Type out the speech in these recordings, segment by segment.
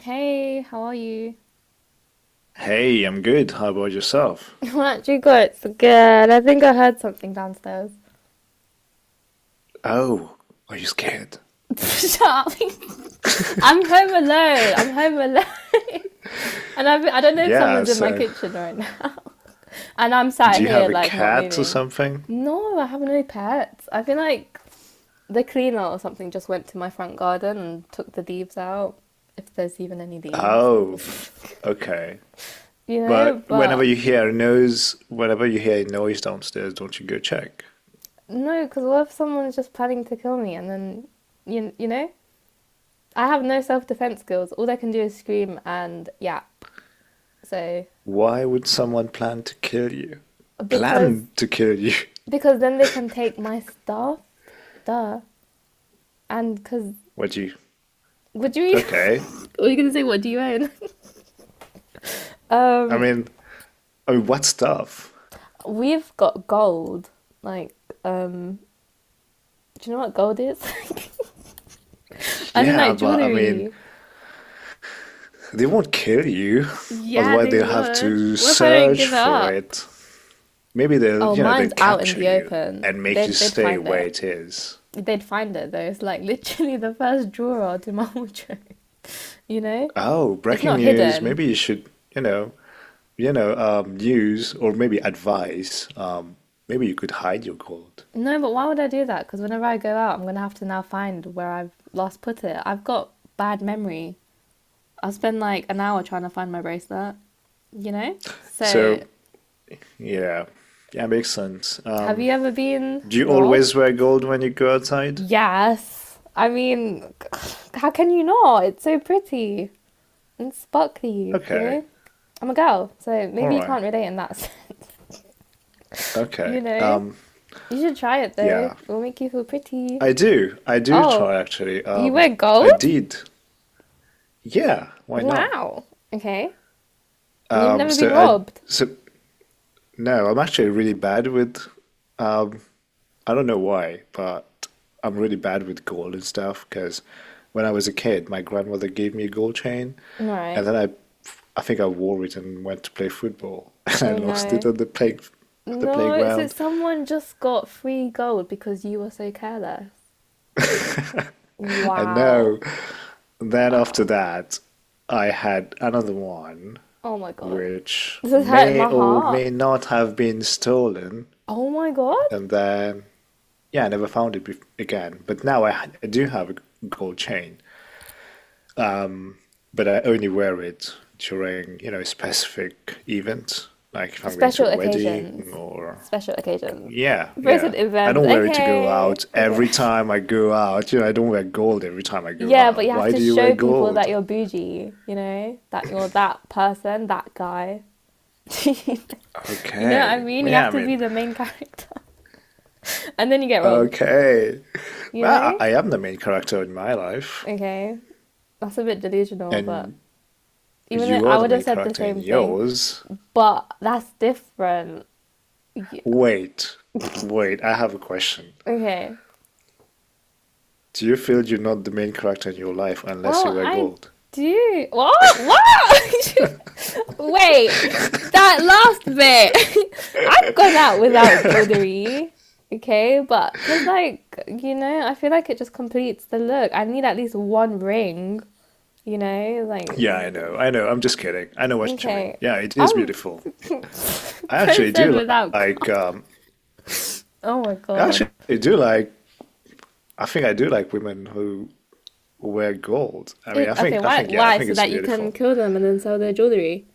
Hey, how are you? Hey, I'm good. How about yourself? Aren't you good? It's good. I think I heard something downstairs. Oh, are you scared? Shut up. I'm home alone. I'm home alone. I don't know if Yeah, someone's in my so kitchen right now. And I'm do sat you here, have a like, not cat or moving. something? No, I have no pets. I feel like the cleaner or something just went to my front garden and took the leaves out. If there's even any leaves. Oh, okay. You know, But whenever but you hear a noise, downstairs, don't you go check? no, because what if someone's just planning to kill me and then, you know? I have no self defense skills. All they can do is scream and yap. So Why would someone plan to kill you? because Plan to kill you? because then they can take my stuff, duh. And because What you? would you? Okay. were you gonna say? What do you own? I um, mean, I mean, what stuff? we've got gold. Like, um, do you know what gold is? I don't know Yeah, but I mean, jewelry. they won't kill you. Yeah, Otherwise, they they'll have would. to What if I don't search give it for up? it. Maybe they'll, Oh, they'll mine's out in capture the you open. and make you They'd stay find where it. it is. They'd find it though. It's like literally the first drawer to my wardrobe. you know, Oh, it's breaking not news. hidden. Maybe you should, news or maybe advice. Maybe you could hide your gold. No, but why would I do that? Because whenever I go out, I'm gonna have to now find where I've last put it. I've got bad memory. I'll spend like an hour trying to find my bracelet. You know. So, So, yeah, yeah, makes sense. have you ever been Do you always wear robbed? gold when you go outside? Yes. I mean, how can you not? It's so pretty and sparkly. You Okay, know. I'm a girl, so all maybe you right, can't relate in that sense. You okay. know, you should try it though. Yeah, It will make you feel pretty. I do. I do Oh, try actually. you wear I gold? did. Yeah, why not? Wow. Okay. And you've Um, never been so I robbed? so no, I'm actually really bad with, um, I don't know why, but I'm really bad with gold and stuff because when I was a kid, my grandmother gave me a gold chain, and Right. then I think I wore it and went to play football, and I Oh lost it no. at the play, at the No, so playground. someone just got free gold because you were so careless. And no, Wow. then after Wow. that, I had another one, Oh my god. which This is hurting may my or heart. may not have been stolen, Oh my god. and then yeah, I never found again. But now I do have a gold chain, but I only wear it during, you know, specific events, like if I'm going Special to a wedding occasions. or Special occasions. yeah, Person yeah. I events. don't wear it to go Okay. out Okay. every time I go out. You know, I don't wear gold every time I go Yeah, but you out. have Why to do you wear show people that gold? you're bougie, you know, that you're that person, that guy. you know what I Okay. mean? Well, You have yeah, I to mean, be the main character. And then you get robbed, okay. you Well, know? I am the main character in my life, Okay, that's a bit delusional, but and even though you are I the would have main said the character in same thing, yours. but that's different. Yeah. Wait, wait, I have a question. Okay, Do you feel you're not the main character in your life unless well, you wear I gold? do. What? What? Wait, that last bit. I've gone out without jewelry. Okay, but because, like, you know, I feel like it just completes the look. I need at least one ring, you know? Like, Yeah, I know, I know. I'm just kidding. I know what you mean. okay. Yeah, it is I'm beautiful. I actually person do without like, cup. Oh my I god. actually do like, I do like women who wear gold. I mean, It, okay, why? Yeah, I Why? think So it's that you can beautiful. kill them and then sell their jewelry?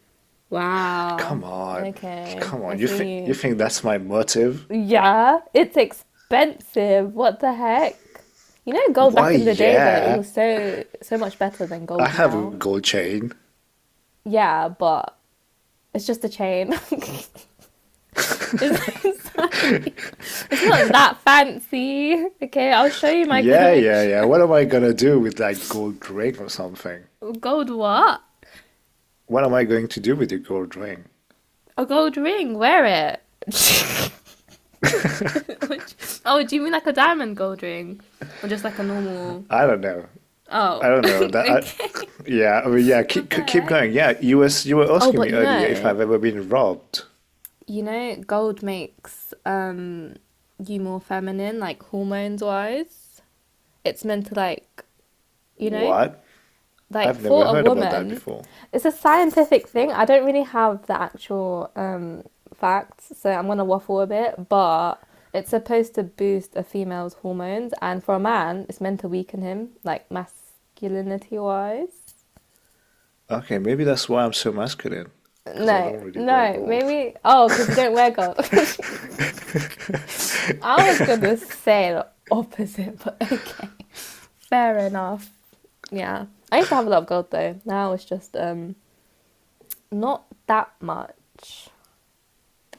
Wow. Come on, Okay, come I on. See You you. think that's my motive? Yeah, it's expensive. What the heck? You know, gold Why, back in the day though, it yeah, was so much better than I gold have a now. gold chain. Yeah, but it's just a chain. It's like- it's not that fancy. Okay, I'll show you my Yeah, yeah, yeah. collection. What am I gonna do with that gold ring or something? Gold what? What am I going to do with your gold ring? A gold ring. Wear it. Which, oh, do you mean like a diamond gold ring, or just like a normal? I don't know. Oh, I don't know that. I, okay. yeah, I mean, yeah. What the Keep heck? going. Yeah, you were Oh, asking but me earlier if I've ever been robbed. you know, gold makes you more feminine, like hormones wise. It's meant to like, you know, What? like I've for never a heard about that woman, before. it's a scientific thing. I don't really have the actual facts, so I'm gonna waffle a bit, but it's supposed to boost a female's hormones, and for a man, it's meant to weaken him, like masculinity wise. Okay, maybe that's why I'm so masculine, because I No, don't really wear no, gold. maybe. Oh, because you don't wear gold. I was gonna say the opposite, but okay, fair enough. Yeah, I used to have a lot of gold though. Now it's just not that much.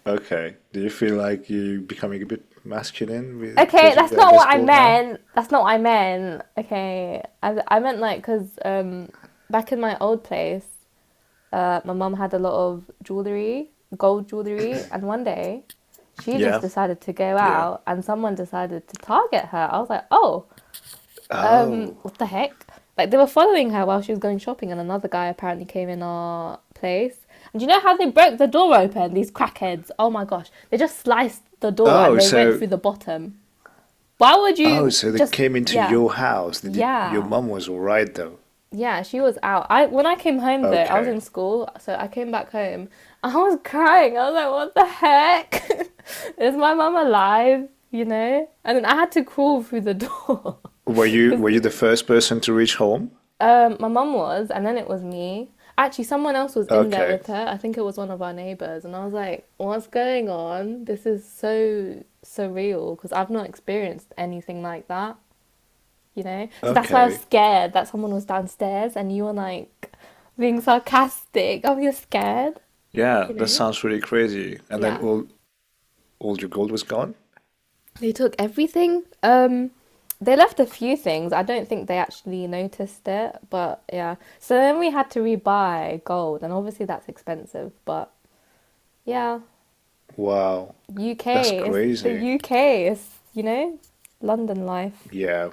Okay. Do you feel like you are becoming a bit masculine with, Okay, because you that's have not less what I gold now? meant. That's not what I meant. Okay, I meant like because back in my old place, my mum had a lot of jewelry, gold jewelry, and one day she just Yeah. decided to go Yeah. out and someone decided to target her. I was like, oh, um, Oh. what the heck? Like they were following her while she was going shopping, and another guy apparently came in our place. And do you know how they broke the door open? These crackheads! Oh my gosh, they just sliced the door and Oh, they went so through the bottom. Why would oh, you so they just? came into Yeah, your house. They did, your yeah, mom was all right though. yeah. She was out. I When I came home though, I was Okay. in school, so I came back home. I was crying. I was like, what the heck? Is my mum alive? You know? And then I had to crawl through the door because Were you the first person to reach home? um, my mum was, and then it was me. Actually, someone else was in there Okay. with her. I think it was one of our neighbors, and I was like, "What's going on? This is so surreal because I've not experienced anything like that." You know, so that's why I was Okay. scared that someone was downstairs and you were like being sarcastic. Oh, you're scared, Yeah, you that know? sounds really crazy. And then Yeah. all your gold was gone? They took everything. They left a few things. I don't think they actually noticed it, but yeah. So then we had to rebuy gold, and obviously that's expensive, but yeah, Wow. That's UK is crazy. the UK is, you know, London life. Yeah.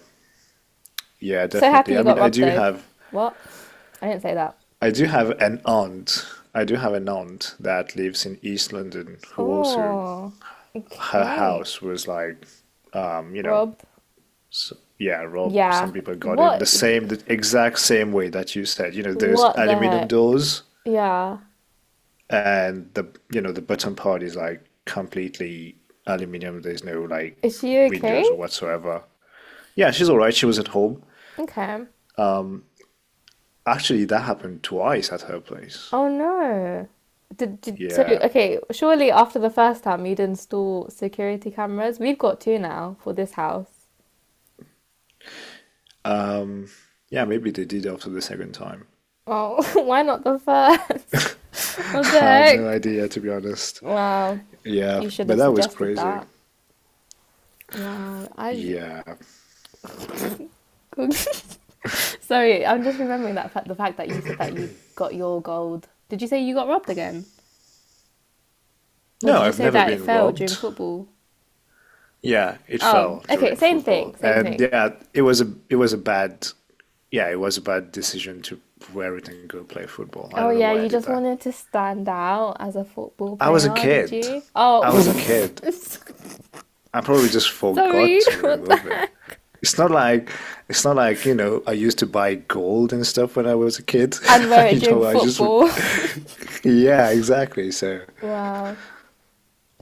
Yeah, So happy definitely. you I mean, got robbed though. What? I didn't say that. I do have an aunt. I do have an aunt that lives in East London who also Oh, her okay. house was like you know, Robbed. so, yeah, Rob, Yeah. some people got in What? The exact same way that you said. You know, there's What the aluminum heck? doors, Yeah. and the you know the bottom part is like completely aluminum. There's no like Is she okay? windows or whatsoever. Yeah, she's all right. She was at home. Okay. Um, Actually, that happened twice at her place. Oh no. Did so Yeah. okay, surely after the first time you'd install security cameras. We've got two now for this house. Um, yeah, maybe they did after the second time. Oh, why not the first? I What the have no heck? idea, to be honest. Wow. Yeah, You should but have that was suggested crazy. that. Wow. I Yeah. j- Sorry, I'm just remembering that fact, the fact that you said that you got your gold. Did you say you got robbed again? Or No, did you I've say never that it been fell during robbed. football? Yeah, it Oh, fell okay, during same thing, football. same And thing. yeah, it was a bad yeah, it was a bad decision to wear it and go play football. I Oh don't know yeah, why I you did just that. wanted to stand out as a football I was a player, did kid. you? Oh, I was a kid. I probably just forgot sorry. to What the- remove it. It's not like it's not like, you know, I used to buy gold and stuff when I was a kid. and wear it You during know, I just football. yeah, exactly. So, Wow.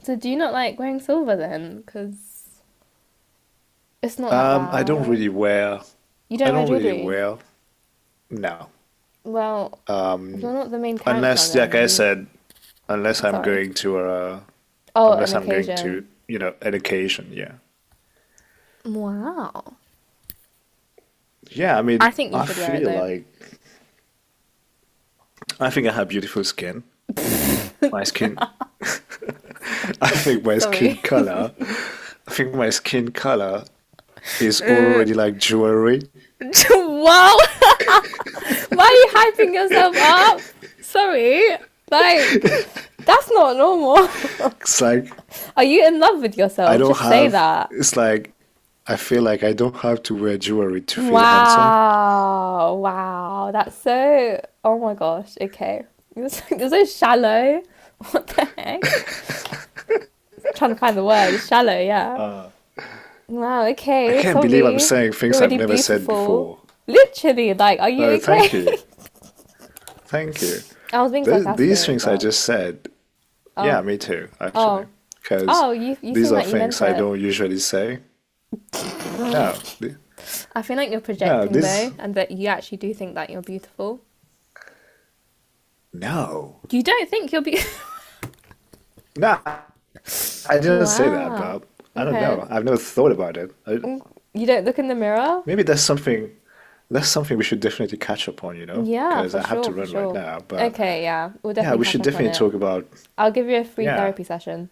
So do you not like wearing silver then? Because it's not that I don't bad. really You don't wear jewelry. wear no. Well, you're Um, not the main character Unless like then. I You. said unless I'm Sorry. going to Oh, an unless I'm going to, occasion. you know, education, yeah. Wow. Yeah, I I mean, think you I should wear it feel though. like I think I have beautiful skin. My skin Sorry. I think my skin color is Uh, already like jewelry. wow. Why are you hyping yourself up? Sorry, like that's not normal. It's like are you in love with I yourself? don't Just say have that. it's like I feel like I don't have to wear jewelry to feel handsome. Wow, wow, that's so. Oh my gosh. Okay, you're so shallow. What the heck? Trying to find the word. It's shallow, yeah. Wow. I Okay. can't believe I'm Sorry. saying You're things I've already never said beautiful. before. Literally, like, are you Oh, thank you. okay? Thank you. I was being Th these sarcastic, things I but just said yeah, oh, me too, actually, oh, because oh, you these seem are like you meant things I it. don't usually say. No, th- I feel like you're no, projecting this, though, and that you actually do think that you're beautiful. no, You don't think you're beautiful. no, I didn't say that, wow. but I don't Okay. know. I've never thought about it. I, Mm, you don't look in the mirror? maybe that's that's something we should definitely catch up on, you know, Yeah, because for I have sure, to for run right sure. now. But Okay, yeah, we'll yeah, definitely we catch should up on definitely it. talk about, I'll give you a free yeah, therapy session.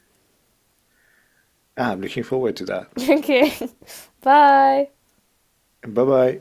ah, I'm looking forward to that. okay. Bye. Bye bye.